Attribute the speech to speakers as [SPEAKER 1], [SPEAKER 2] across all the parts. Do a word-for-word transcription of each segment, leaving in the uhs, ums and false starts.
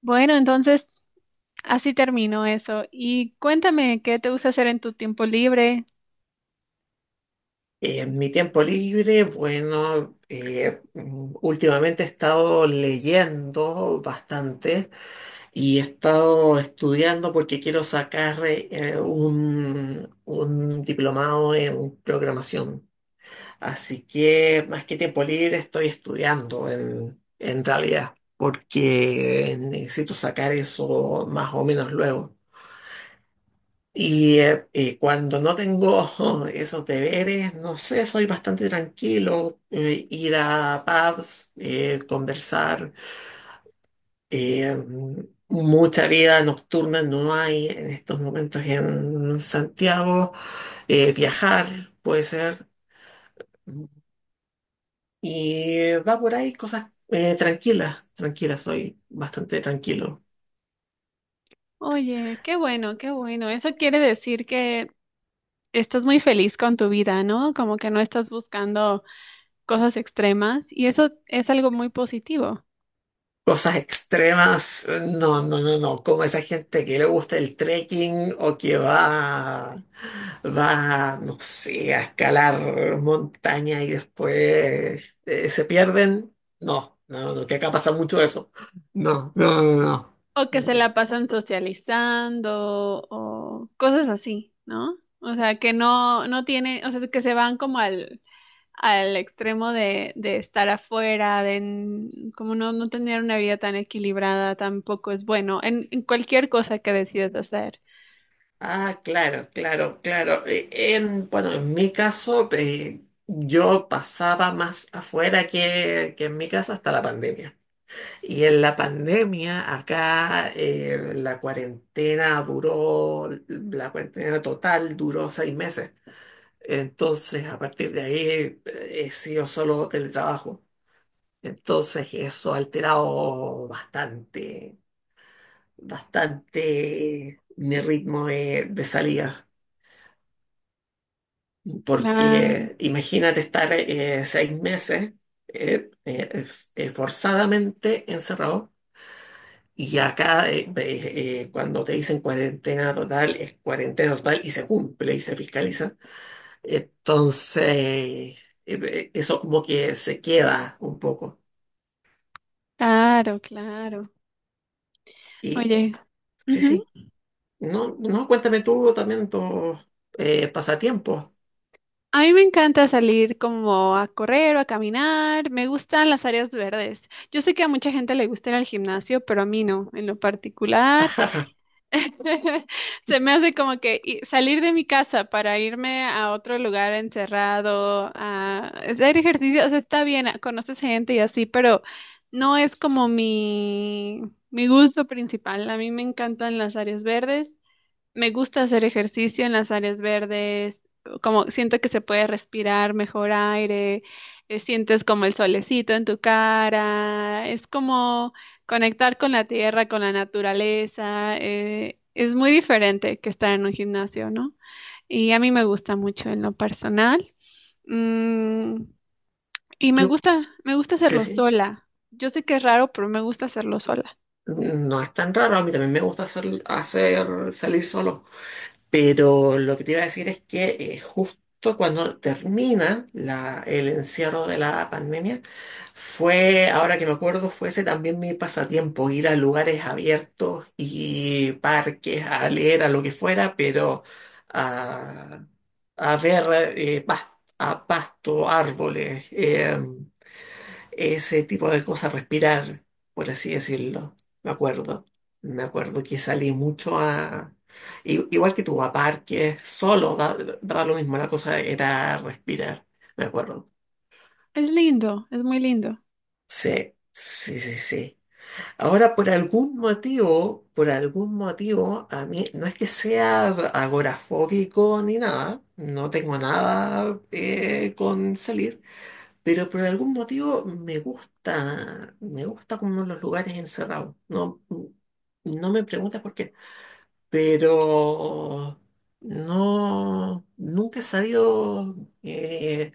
[SPEAKER 1] Bueno, entonces así terminó eso. Y cuéntame, ¿qué te gusta hacer en tu tiempo libre?
[SPEAKER 2] Eh, mi tiempo libre, bueno, eh, mm, últimamente he estado leyendo bastante y he estado estudiando porque quiero sacar eh, un, un diplomado en programación. Así que más que tiempo libre estoy estudiando en, en realidad porque necesito sacar eso más o menos luego. Y, eh, y cuando no tengo esos deberes, no sé, soy bastante tranquilo. Eh, ir a pubs, eh, conversar. eh, Mucha vida nocturna no hay en estos momentos en Santiago. Eh, viajar puede ser. Y eh, va por ahí cosas eh, tranquilas, tranquilas, soy bastante tranquilo.
[SPEAKER 1] Oye, qué bueno, qué bueno. Eso quiere decir que estás muy feliz con tu vida, ¿no? Como que no estás buscando cosas extremas y eso es algo muy positivo.
[SPEAKER 2] Cosas extremas, no, no, no, no, como esa gente que le gusta el trekking o que va, va, no sé, a escalar montaña y después eh, se pierden, no, no, no, que acá pasa mucho eso, no, no, no, no.
[SPEAKER 1] O que
[SPEAKER 2] Ni
[SPEAKER 1] se
[SPEAKER 2] por-
[SPEAKER 1] la pasan socializando o cosas así, ¿no? O sea, que no, no tiene, o sea, que se van como al al extremo de, de estar afuera, de n- como no, no tener una vida tan equilibrada, tampoco es bueno en, en cualquier cosa que decides hacer.
[SPEAKER 2] Ah, claro, claro, claro. Eh, En, bueno, en mi caso, eh, yo pasaba más afuera que, que en mi casa hasta la pandemia. Y en la pandemia, acá eh, la cuarentena duró, la cuarentena total duró seis meses. Entonces, a partir de ahí, eh, he sido solo teletrabajo. Entonces, eso ha alterado bastante, bastante mi ritmo de, de salida.
[SPEAKER 1] Claro,
[SPEAKER 2] Porque imagínate estar eh, seis meses eh, eh, eh, forzadamente encerrado. Y acá, eh, eh, eh, cuando te dicen cuarentena total, es cuarentena total y se cumple y se fiscaliza. Entonces, eh, eh, eso como que se queda un poco.
[SPEAKER 1] claro, claro.
[SPEAKER 2] Y
[SPEAKER 1] Oye,
[SPEAKER 2] sí,
[SPEAKER 1] ujú.
[SPEAKER 2] sí. No, no, cuéntame tú también tus eh, pasatiempos.
[SPEAKER 1] A mí me encanta salir como a correr o a caminar, me gustan las áreas verdes. Yo sé que a mucha gente le gusta ir al gimnasio, pero a mí no, en lo particular. Se me hace como que i- salir de mi casa para irme a otro lugar encerrado, a hacer ejercicio, o sea, está bien, a- conoces gente y así, pero no es como mi, mi gusto principal. A mí me encantan las áreas verdes, me gusta hacer ejercicio en las áreas verdes, como siento que se puede respirar mejor aire. Eh, sientes como el solecito en tu cara, es como conectar con la tierra, con la naturaleza. Eh, es muy diferente que estar en un gimnasio, ¿no? Y a mí me gusta mucho en lo personal. Mm, y me
[SPEAKER 2] Yo,
[SPEAKER 1] gusta, me gusta
[SPEAKER 2] sí,
[SPEAKER 1] hacerlo
[SPEAKER 2] sí.
[SPEAKER 1] sola. Yo sé que es raro, pero me gusta hacerlo sola.
[SPEAKER 2] No es tan raro. A mí también me gusta hacer, hacer salir solo. Pero lo que te iba a decir es que eh, justo cuando termina la- el encierro de la pandemia, fue, ahora que me acuerdo, fuese también mi pasatiempo, ir a lugares abiertos y parques, a leer, a lo que fuera, pero a, a ver eh, pas- a pasto, árboles. em, ese tipo de cosas, respirar, por así decirlo. Me acuerdo. Me acuerdo que salí mucho a... i- Igual que tú, a parques, solo, da- daba lo mismo, la cosa era respirar, me acuerdo.
[SPEAKER 1] Es lindo, es muy lindo.
[SPEAKER 2] Sí, sí, sí, sí. Ahora, por algún motivo, por algún motivo, a mí no es que sea agorafóbico ni nada, no tengo nada eh, con salir. Pero por algún motivo me gusta, me gusta como los lugares encerrados. No, no me preguntas por qué, pero no, nunca he sabido eh,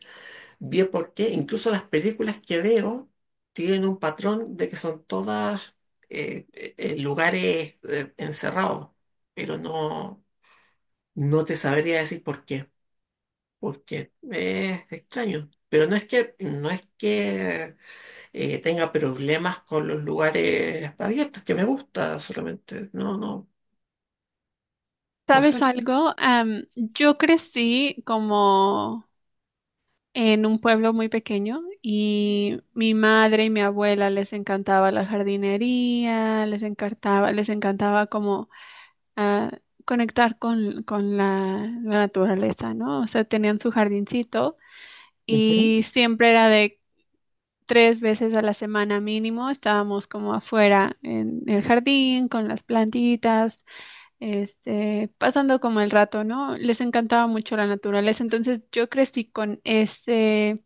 [SPEAKER 2] bien por qué. Incluso las películas que veo tienen un patrón de que son todas eh, eh, eh, lugares eh, encerrados, pero no, no te sabría decir por qué, porque es extraño. Pero no es que, no es que eh, tenga problemas con los lugares abiertos, que me gusta solamente. No, no, no
[SPEAKER 1] ¿Sabes
[SPEAKER 2] sé.
[SPEAKER 1] algo? Am, yo crecí como en un pueblo muy pequeño y mi madre y mi abuela les encantaba la jardinería, les encantaba, les encantaba como ah, conectar con, con la, la naturaleza, ¿no? O sea, tenían su jardincito
[SPEAKER 2] Ujú,
[SPEAKER 1] y siempre era de tres veces a la semana mínimo, estábamos como afuera en el jardín con las plantitas, este, pasando como el rato, ¿no? Les encantaba mucho la naturaleza, entonces yo crecí con ese,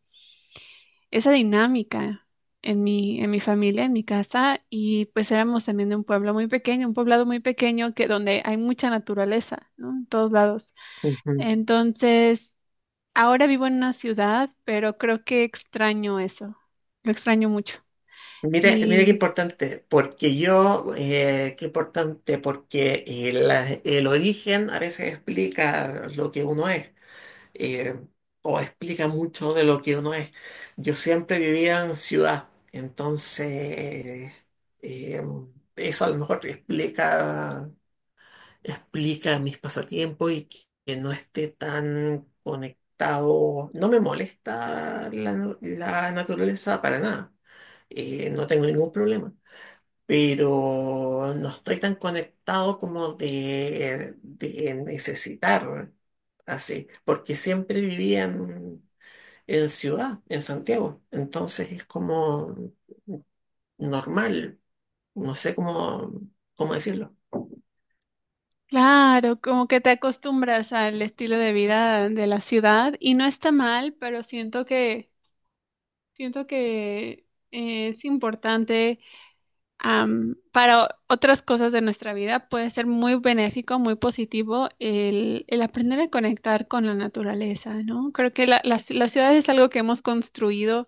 [SPEAKER 1] esa dinámica en mi, en mi familia, en mi casa, y pues éramos también de un pueblo muy pequeño, un poblado muy pequeño que donde hay mucha naturaleza, ¿no? En todos lados.
[SPEAKER 2] ujú.
[SPEAKER 1] Entonces, ahora vivo en una ciudad, pero creo que extraño eso, lo extraño mucho.
[SPEAKER 2] Mira, mira qué
[SPEAKER 1] Y
[SPEAKER 2] importante, porque yo, eh, qué importante, porque eh, la- el origen a veces explica lo que uno es, eh, o explica mucho de lo que uno es. Yo siempre vivía en ciudad, entonces eh, eso a lo mejor explica explica mis pasatiempos y que que no esté tan conectado. No me molesta la, nu- la naturaleza para nada. Eh, no tengo ningún problema. Pero no estoy tan conectado como de, de necesitar así, porque siempre vivía en, en ciudad, en Santiago. Entonces es como normal, no sé cómo, cómo decirlo.
[SPEAKER 1] claro, como que te acostumbras al estilo de vida de la ciudad y no está mal, pero siento que siento que eh, es importante. Am, para o- otras cosas de nuestra vida puede ser muy benéfico, muy positivo el, el aprender a conectar con la naturaleza, ¿no? Creo que la, la, la ciudad es algo que hemos construido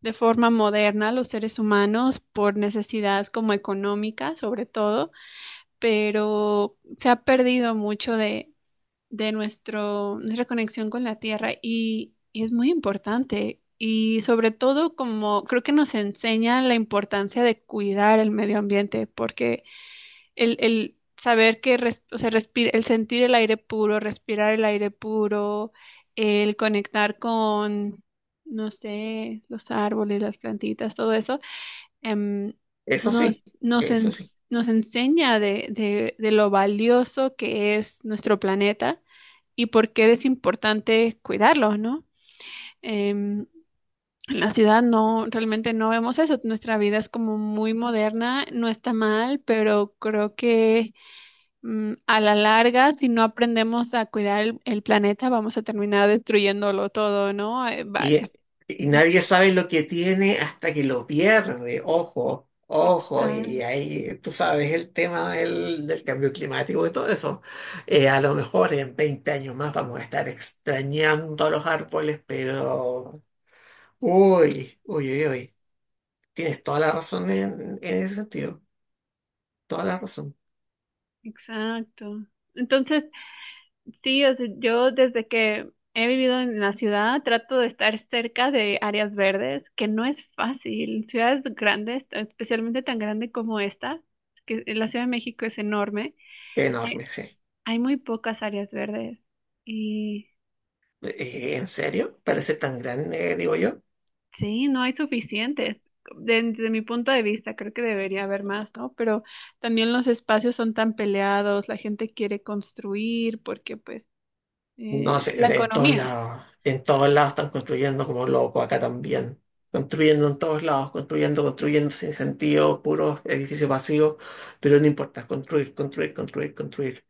[SPEAKER 1] de forma moderna los seres humanos por necesidad como económica, sobre todo, pero se ha perdido mucho de, de nuestro, nuestra conexión con la tierra. Y, y es muy importante y sobre todo como creo que nos enseña la importancia de cuidar el medio ambiente, porque el, el saber que res- o sea, respir- el sentir el aire puro, respirar el aire puro, el conectar con, no sé, los árboles, las plantitas, todo eso, em,
[SPEAKER 2] Eso
[SPEAKER 1] nos,
[SPEAKER 2] sí,
[SPEAKER 1] nos,
[SPEAKER 2] eso
[SPEAKER 1] en-
[SPEAKER 2] sí.
[SPEAKER 1] nos enseña de, de de lo valioso que es nuestro planeta y por qué es importante cuidarlos, ¿no? Em, en la ciudad no, realmente no vemos eso. Nuestra vida es como muy moderna, no está mal, pero creo que, mm, a la larga, si no aprendemos a cuidar el, el planeta, vamos a terminar destruyéndolo todo, ¿no? Eh, va-
[SPEAKER 2] Y, y nadie sabe lo que tiene hasta que lo pierde. Ojo, ojo. Y
[SPEAKER 1] Exa-
[SPEAKER 2] ahí tú sabes el tema del, del cambio climático y todo eso. Eh, a lo mejor en veinte años más vamos a estar extrañando a los árboles, pero... Uy, uy, uy, uy. Tienes toda la razón en, en ese sentido, toda la razón.
[SPEAKER 1] Exacto. Entonces, sí, o sea, yo desde que he vivido en la ciudad trato de estar cerca de áreas verdes, que no es fácil. Ciudades grandes, especialmente tan grande como esta, que la Ciudad de México es enorme, hay,
[SPEAKER 2] Enorme, sí.
[SPEAKER 1] hay muy pocas áreas verdes y
[SPEAKER 2] Eh, ¿en serio? Parece tan grande, digo yo.
[SPEAKER 1] sí, no hay suficientes. Desde, desde mi punto de vista, creo que debería haber más, ¿no? Pero también los espacios son tan peleados, la gente quiere construir porque pues
[SPEAKER 2] No
[SPEAKER 1] eh, la
[SPEAKER 2] sé, en todos
[SPEAKER 1] economía.
[SPEAKER 2] lados, en todos lados están construyendo como loco, acá también. Construyendo en todos lados, construyendo, construyendo sin sentido, puros edificios vacíos, pero no importa, construir, construir, construir, construir.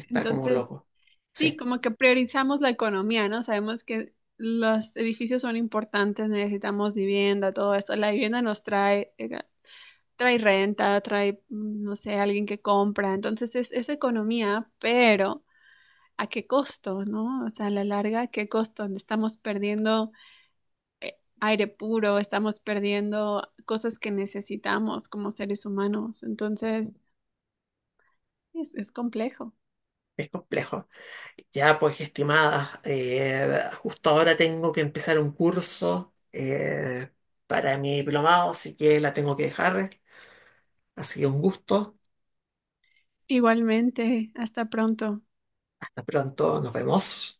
[SPEAKER 2] Está como
[SPEAKER 1] Entonces...
[SPEAKER 2] loco.
[SPEAKER 1] sí,
[SPEAKER 2] Sí,
[SPEAKER 1] como que priorizamos la economía, ¿no? Sabemos que los edificios son importantes, necesitamos vivienda, todo esto. La vivienda nos trae, eh, trae renta, trae, mm, no sé, alguien que compra. Entonces es, es economía, pero ¿a qué costo, no? O sea, a la larga, ¿a qué costo? Estamos perdiendo, eh, aire puro, estamos perdiendo cosas que necesitamos como seres humanos. Entonces es es complejo.
[SPEAKER 2] es complejo. Ya, pues, estimada, eh, justo ahora tengo que empezar un curso eh, para mi diplomado, así que la tengo que dejar. Ha sido un gusto.
[SPEAKER 1] Igualmente, hasta pronto.
[SPEAKER 2] Hasta pronto, nos vemos.